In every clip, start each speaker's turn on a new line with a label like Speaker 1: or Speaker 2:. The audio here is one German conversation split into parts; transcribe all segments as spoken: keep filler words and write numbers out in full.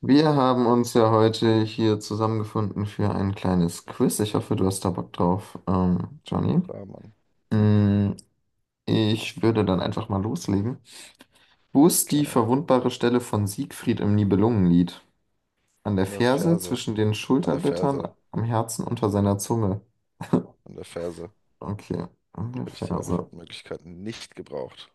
Speaker 1: Wir haben uns ja heute hier zusammengefunden für ein kleines Quiz. Ich hoffe, du hast da Bock drauf, ähm, Johnny.
Speaker 2: Klar, Mann.
Speaker 1: Mm, Ich würde dann einfach mal loslegen. Wo ist die
Speaker 2: Gerne.
Speaker 1: verwundbare Stelle von Siegfried im Nibelungenlied? An der
Speaker 2: An der
Speaker 1: Ferse,
Speaker 2: Ferse.
Speaker 1: zwischen den
Speaker 2: An der
Speaker 1: Schulterblättern,
Speaker 2: Ferse.
Speaker 1: am Herzen, unter seiner Zunge.
Speaker 2: An der Ferse.
Speaker 1: Okay, an der
Speaker 2: Hätte ich die
Speaker 1: Ferse.
Speaker 2: Antwortmöglichkeiten nicht gebraucht.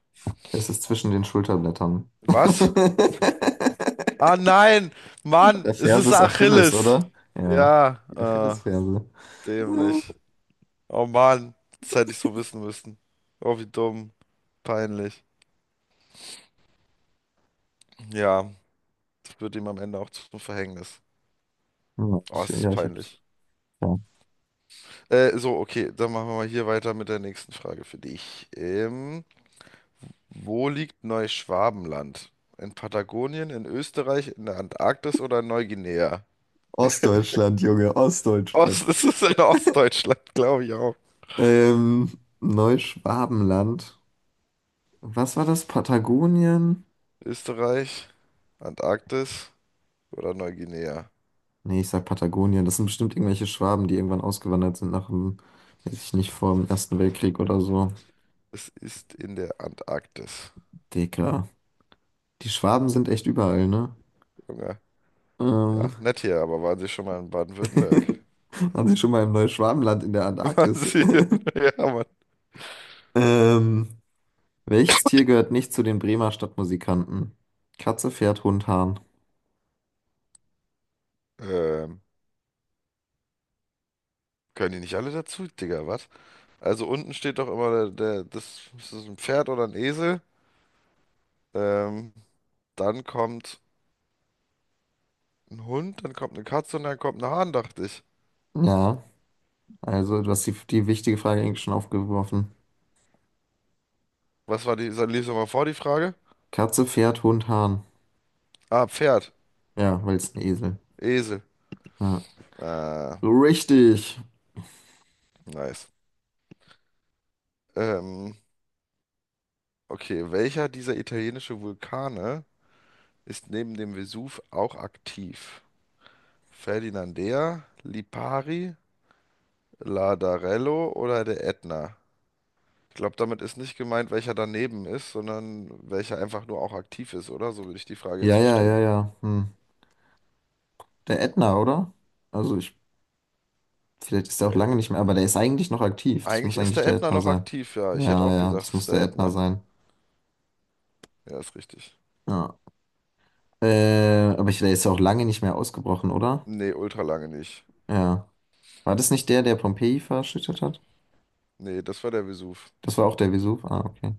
Speaker 1: Es ist zwischen den Schulterblättern.
Speaker 2: Was? Ah nein! Mann,
Speaker 1: Der
Speaker 2: es
Speaker 1: Ferse
Speaker 2: ist
Speaker 1: ist Achilles,
Speaker 2: Achilles.
Speaker 1: oder? Ja,
Speaker 2: Ja,
Speaker 1: die
Speaker 2: äh,
Speaker 1: Achillesferse.
Speaker 2: dämlich. Oh Mann, das hätte ich so wissen müssen. Oh, wie dumm. Peinlich. Ja, das wird ihm am Ende auch zum Verhängnis.
Speaker 1: Ja,
Speaker 2: Oh,
Speaker 1: ich,
Speaker 2: es ist
Speaker 1: ja, ich
Speaker 2: peinlich.
Speaker 1: hab's. Ja.
Speaker 2: Äh, so, okay, dann machen wir mal hier weiter mit der nächsten Frage für dich. Ähm, Wo liegt Neuschwabenland? In Patagonien, in Österreich, in der Antarktis oder in Neuguinea?
Speaker 1: Ostdeutschland, Junge, Ostdeutschland.
Speaker 2: Ost, das ist in Ostdeutschland, glaube ich auch.
Speaker 1: Ähm, Neuschwabenland. Was war das? Patagonien?
Speaker 2: Österreich, Antarktis oder Neuguinea?
Speaker 1: Nee, ich sag Patagonien. Das sind bestimmt irgendwelche Schwaben, die irgendwann ausgewandert sind nach dem, weiß ich nicht, vor dem Ersten Weltkrieg oder so.
Speaker 2: Es ist in der Antarktis.
Speaker 1: Digga. Die Schwaben sind echt überall, ne?
Speaker 2: Junge.
Speaker 1: Ähm,
Speaker 2: Ja, nett hier, aber waren Sie schon mal in Baden-Württemberg?
Speaker 1: Waren sie schon mal im Neuschwabenland in der
Speaker 2: Waren
Speaker 1: Antarktis?
Speaker 2: Sie in... Ja, Mann.
Speaker 1: Ähm, welches Tier gehört nicht zu den Bremer Stadtmusikanten? Katze, Pferd, Hund, Hahn.
Speaker 2: Ähm, können die nicht alle dazu, Digga, was? Also unten steht doch immer der, der, das, ist das ein Pferd oder ein Esel? Ähm, dann kommt ein Hund, dann kommt eine Katze und dann kommt ein Hahn, dachte ich.
Speaker 1: Ja, also du hast die, die wichtige Frage eigentlich schon aufgeworfen.
Speaker 2: Was war die, lies nochmal vor, die Frage?
Speaker 1: Katze, Pferd, Hund, Hahn.
Speaker 2: Ah, Pferd.
Speaker 1: Ja, weil es ein Esel.
Speaker 2: Esel.
Speaker 1: Ja.
Speaker 2: Ah,
Speaker 1: Richtig.
Speaker 2: nice. Ähm, okay, welcher dieser italienischen Vulkane ist neben dem Vesuv auch aktiv? Ferdinandea, Lipari, Ladarello oder der Ätna? Ich glaube, damit ist nicht gemeint, welcher daneben ist, sondern welcher einfach nur auch aktiv ist, oder? So würde ich die Frage jetzt
Speaker 1: Ja, ja, ja,
Speaker 2: verstehen.
Speaker 1: ja. Hm. Der Ätna, oder? Also ich, vielleicht ist der auch
Speaker 2: Äh,
Speaker 1: lange nicht mehr, aber der ist eigentlich noch aktiv. Das muss
Speaker 2: eigentlich ist
Speaker 1: eigentlich
Speaker 2: der
Speaker 1: der
Speaker 2: Ätna
Speaker 1: Ätna
Speaker 2: noch
Speaker 1: sein.
Speaker 2: aktiv, ja. Ich hätte
Speaker 1: Ja,
Speaker 2: auch
Speaker 1: ja,
Speaker 2: gesagt,
Speaker 1: das
Speaker 2: es
Speaker 1: muss
Speaker 2: ist der
Speaker 1: der Ätna
Speaker 2: Ätna.
Speaker 1: sein.
Speaker 2: Ja, ist richtig.
Speaker 1: Ja. Äh, aber ich, der ist ja auch lange nicht mehr ausgebrochen, oder?
Speaker 2: Nee, ultra lange nicht.
Speaker 1: Ja. War das nicht der, der Pompeji verschüttet hat?
Speaker 2: Nee, das war der Vesuv.
Speaker 1: Das war auch der Vesuv. Ah, okay.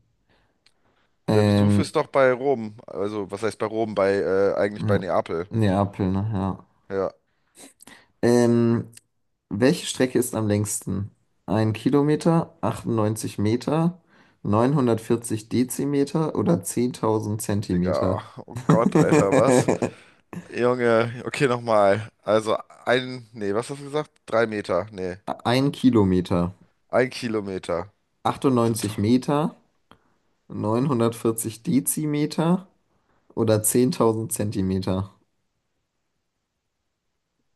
Speaker 2: Der Vesuv
Speaker 1: Ähm,
Speaker 2: ist doch bei Rom. Also, was heißt bei Rom? Bei, äh, eigentlich bei
Speaker 1: N-
Speaker 2: Neapel.
Speaker 1: Neapel, ne? Ja.
Speaker 2: Ja,
Speaker 1: Ähm, welche Strecke ist am längsten? Ein Kilometer, achtundneunzig Meter, neunhundertvierzig Dezimeter oder zehntausend
Speaker 2: Digga.
Speaker 1: Zentimeter?
Speaker 2: Oh Gott, Alter, was? Junge, okay, nochmal. Also, ein, nee, was hast du gesagt? Drei Meter. Nee,
Speaker 1: Ein Kilometer,
Speaker 2: ein Kilometer. Sind
Speaker 1: achtundneunzig Meter, neunhundertvierzig Dezimeter oder zehntausend Zentimeter?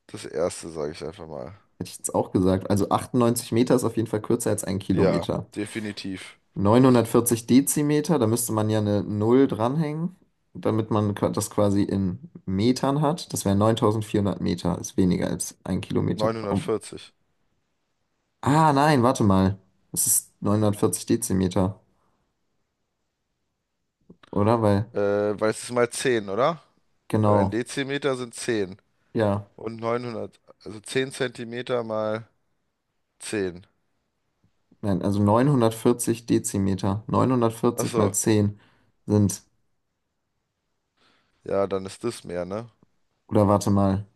Speaker 2: das erste, sage ich einfach mal.
Speaker 1: Hätte ich jetzt auch gesagt. Also achtundneunzig Meter ist auf jeden Fall kürzer als ein
Speaker 2: Ja,
Speaker 1: Kilometer.
Speaker 2: definitiv.
Speaker 1: neunhundertvierzig Dezimeter, da müsste man ja eine Null dranhängen, damit man qua- das quasi in Metern hat. Das wären neuntausendvierhundert Meter, ist weniger als ein Kilometer. Ob-
Speaker 2: Neunhundertvierzig.
Speaker 1: ah, nein, warte mal. Es ist neunhundertvierzig Dezimeter, oder? Weil,
Speaker 2: Äh, weil es ist mal zehn, oder? Weil ein
Speaker 1: genau,
Speaker 2: Dezimeter sind zehn.
Speaker 1: ja,
Speaker 2: Und neunhundert, also zehn Zentimeter mal zehn.
Speaker 1: nein, also neunhundertvierzig Dezimeter.
Speaker 2: Ach
Speaker 1: neunhundertvierzig mal
Speaker 2: so,
Speaker 1: zehn sind,
Speaker 2: ja, dann ist das mehr, ne?
Speaker 1: oder warte mal.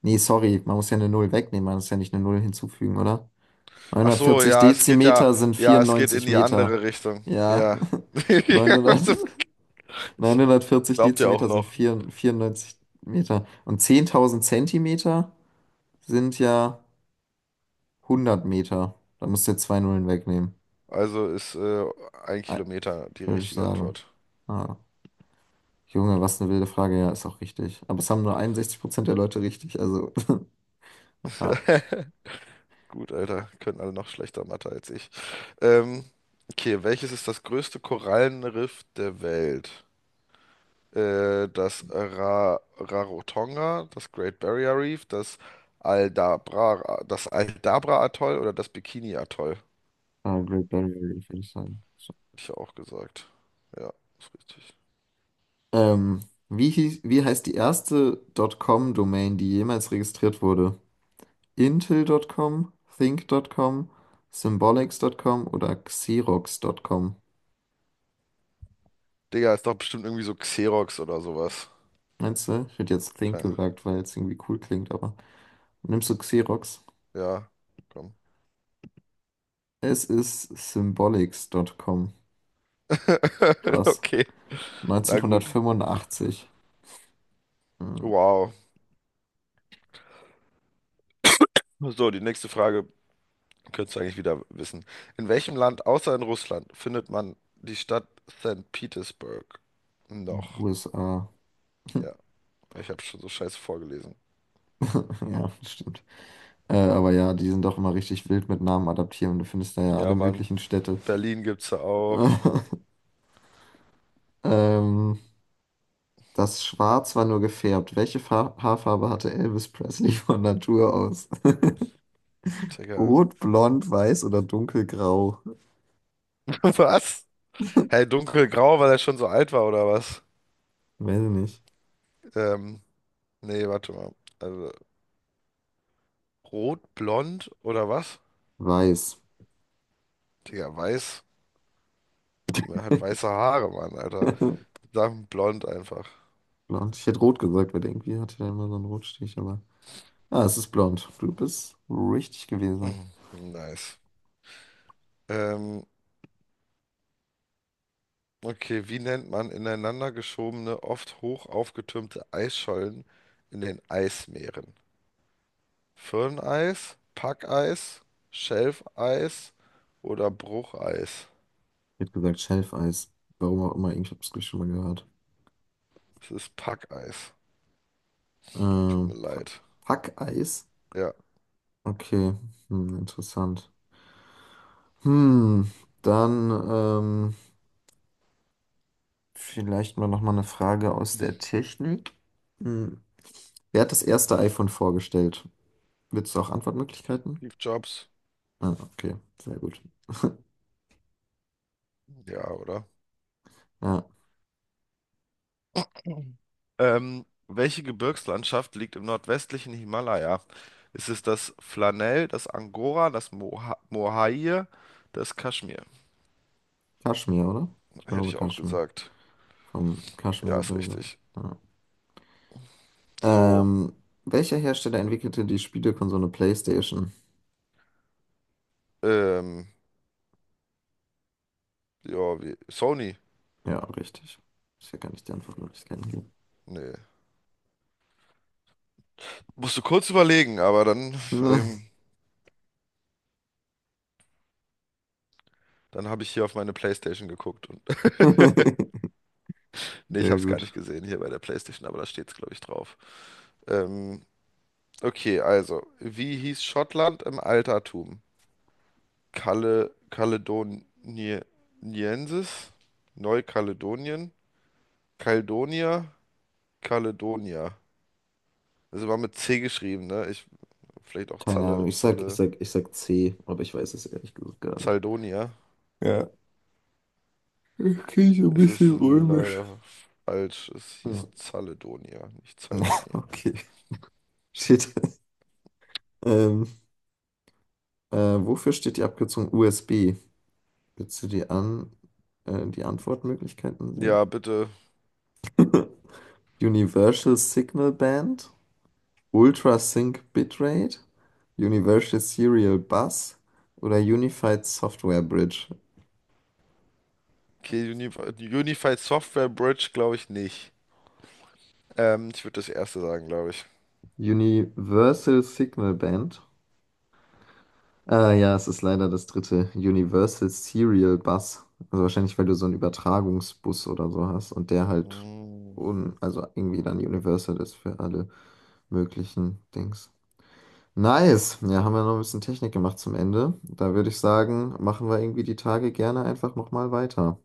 Speaker 1: Nee, sorry, man muss ja eine Null wegnehmen, man muss ja nicht eine Null hinzufügen, oder?
Speaker 2: Ach so,
Speaker 1: Neunhundertvierzig
Speaker 2: ja, es geht ja,
Speaker 1: Dezimeter sind
Speaker 2: ja, es geht in
Speaker 1: vierundneunzig
Speaker 2: die
Speaker 1: Meter.
Speaker 2: andere Richtung.
Speaker 1: Ja,
Speaker 2: Ja.
Speaker 1: Neunhundert
Speaker 2: Ich
Speaker 1: Neunhundertvierzig
Speaker 2: glaub dir auch
Speaker 1: Dezimeter sind
Speaker 2: noch.
Speaker 1: vier Komma vierundneunzig Meter. Und zehntausend Zentimeter sind ja hundert Meter. Da musst du jetzt zwei Nullen wegnehmen.
Speaker 2: Also ist äh, ein
Speaker 1: Ei,
Speaker 2: Kilometer die
Speaker 1: würde ich
Speaker 2: richtige
Speaker 1: sagen.
Speaker 2: Antwort.
Speaker 1: Ah, Junge, was eine wilde Frage. Ja, ist auch richtig. Aber es haben nur einundsechzig Prozent der Leute richtig. Also, ja.
Speaker 2: Gut, Alter, können alle noch schlechter Mathe als ich. Ähm, okay, welches ist das größte Korallenriff der Welt? Äh, das Ra Rarotonga, das Great Barrier Reef, das Aldabra, das Aldabra-Atoll oder das Bikini-Atoll?
Speaker 1: Ah, Great Barrier Reef, würde ich sagen. So.
Speaker 2: Hab ich ja auch gesagt. Ja, ist richtig.
Speaker 1: Ähm, wie, hieß- wie heißt die erste .com-Domain, die jemals registriert wurde? Intel Punkt com, Think Punkt com, Symbolics Punkt com oder Xerox Punkt com.
Speaker 2: Digga, ist doch bestimmt irgendwie so Xerox oder sowas.
Speaker 1: Meinst du? Ich hätte jetzt Think
Speaker 2: Kein,
Speaker 1: gesagt, weil es irgendwie cool klingt, aber nimmst du Xerox?
Speaker 2: ja, komm.
Speaker 1: Es ist Symbolics Punkt com. Krass.
Speaker 2: Okay, na gut.
Speaker 1: neunzehnhundertfünfundachtzig. Hm,
Speaker 2: Wow. So, die nächste Frage könntest du eigentlich wieder wissen. In welchem Land außer in Russland findet man die Stadt Sankt Petersburg? Noch.
Speaker 1: U S A.
Speaker 2: Ja, ich habe schon so scheiße vorgelesen.
Speaker 1: Ja, stimmt. Äh, aber ja, die sind doch immer richtig wild mit Namen adaptieren. Du findest da ja alle
Speaker 2: Ja, Mann.
Speaker 1: möglichen Städte.
Speaker 2: Berlin gibt's ja auch.
Speaker 1: Ähm, das Schwarz war nur gefärbt. Welche Fa Haarfarbe hatte Elvis Presley von Natur aus?
Speaker 2: Digga.
Speaker 1: Rot, blond, weiß oder dunkelgrau?
Speaker 2: Was? Hey, dunkelgrau, weil er schon so alt war oder was?
Speaker 1: Weiß ich nicht.
Speaker 2: Ähm, nee, warte mal. Also, Rot, blond oder was?
Speaker 1: Weiß.
Speaker 2: Digga, weiß. Niemand hat weiße Haare, Mann, Alter. Sagen blond einfach.
Speaker 1: Blond. Ich hätte rot gesagt, weil irgendwie hatte er immer so einen Rotstich, aber. Ah, es ist blond. Du bist richtig gewesen.
Speaker 2: Mhm. Nice. Ähm, okay, wie nennt man ineinander geschobene, oft hoch aufgetürmte Eisschollen in den Eismeeren? Firneis, Packeis, Schelfeis oder Brucheis?
Speaker 1: Ich hätte gesagt Schelfeis. Warum auch immer, ich habe es schon mal gehört.
Speaker 2: Es ist Packeis. Tut mir
Speaker 1: Ähm, Pa-
Speaker 2: leid.
Speaker 1: Packeis?
Speaker 2: Ja,
Speaker 1: Okay, hm, interessant. Hm, dann ähm, vielleicht mal nochmal eine Frage aus der Technik. Hm. Wer hat das erste iPhone vorgestellt? Willst du auch Antwortmöglichkeiten?
Speaker 2: Steve Jobs.
Speaker 1: Ah, okay, sehr gut.
Speaker 2: Ja, oder?
Speaker 1: Ja,
Speaker 2: Mhm. Ähm, welche Gebirgslandschaft liegt im nordwestlichen Himalaya? Ist es das Flanell, das Angora, das Moha Mohair, das Kaschmir?
Speaker 1: Kaschmir, oder? Ich
Speaker 2: Hätte
Speaker 1: glaube
Speaker 2: ich auch
Speaker 1: Kaschmir.
Speaker 2: gesagt.
Speaker 1: Vom
Speaker 2: Ja, ist
Speaker 1: Kaschmirgebirge.
Speaker 2: richtig.
Speaker 1: Ja.
Speaker 2: So,
Speaker 1: Ähm, welcher Hersteller entwickelte die Spielekonsole PlayStation?
Speaker 2: ähm, ja, wie, Sony?
Speaker 1: Ja, richtig. Ist ja gar nicht die Antwort, nur ich kann geben.
Speaker 2: Nee. Musste kurz überlegen, aber dann,
Speaker 1: Ne.
Speaker 2: ähm, dann habe ich hier auf meine PlayStation geguckt und, nee, ich
Speaker 1: Sehr
Speaker 2: habe es gar nicht
Speaker 1: gut.
Speaker 2: gesehen hier bei der PlayStation, aber da steht es, glaube ich, drauf. Ähm, okay, also, wie hieß Schottland im Altertum? Kale, Kaledoniensis, Neukaledonien, Kaledonia, Kaledonia. Also war mit C geschrieben, ne? Ich, vielleicht auch
Speaker 1: Keine Ahnung.
Speaker 2: Zalle,
Speaker 1: Ich sag, ich
Speaker 2: Zalle,
Speaker 1: sag, ich sag C, aber ich weiß es ehrlich gesagt gar nicht.
Speaker 2: Zaldonia.
Speaker 1: Ja. Ich kriege so ein
Speaker 2: Es ist
Speaker 1: bisschen römisch.
Speaker 2: leider falsch. Es
Speaker 1: Hm.
Speaker 2: hieß Zaledonia, nicht Zaldonia.
Speaker 1: Okay. Steht. Ähm, äh, wofür steht die Abkürzung U S B? Willst du die, An äh, die Antwortmöglichkeiten sehen?
Speaker 2: Ja, bitte.
Speaker 1: Universal Signal Band, Ultra Sync Bitrate, Universal Serial Bus oder Unified Software Bridge.
Speaker 2: Okay, Unified, Unified Software Bridge glaube ich nicht. Ähm, ich würde das erste sagen, glaube ich.
Speaker 1: Universal Signal Band. Ah ja, es ist leider das dritte. Universal Serial Bus. Also wahrscheinlich, weil du so einen Übertragungsbus oder so hast und der halt
Speaker 2: Mm.
Speaker 1: un also irgendwie dann Universal ist für alle möglichen Dings. Nice. Ja, haben wir noch ein bisschen Technik gemacht zum Ende. Da würde ich sagen, machen wir irgendwie die Tage gerne einfach nochmal weiter.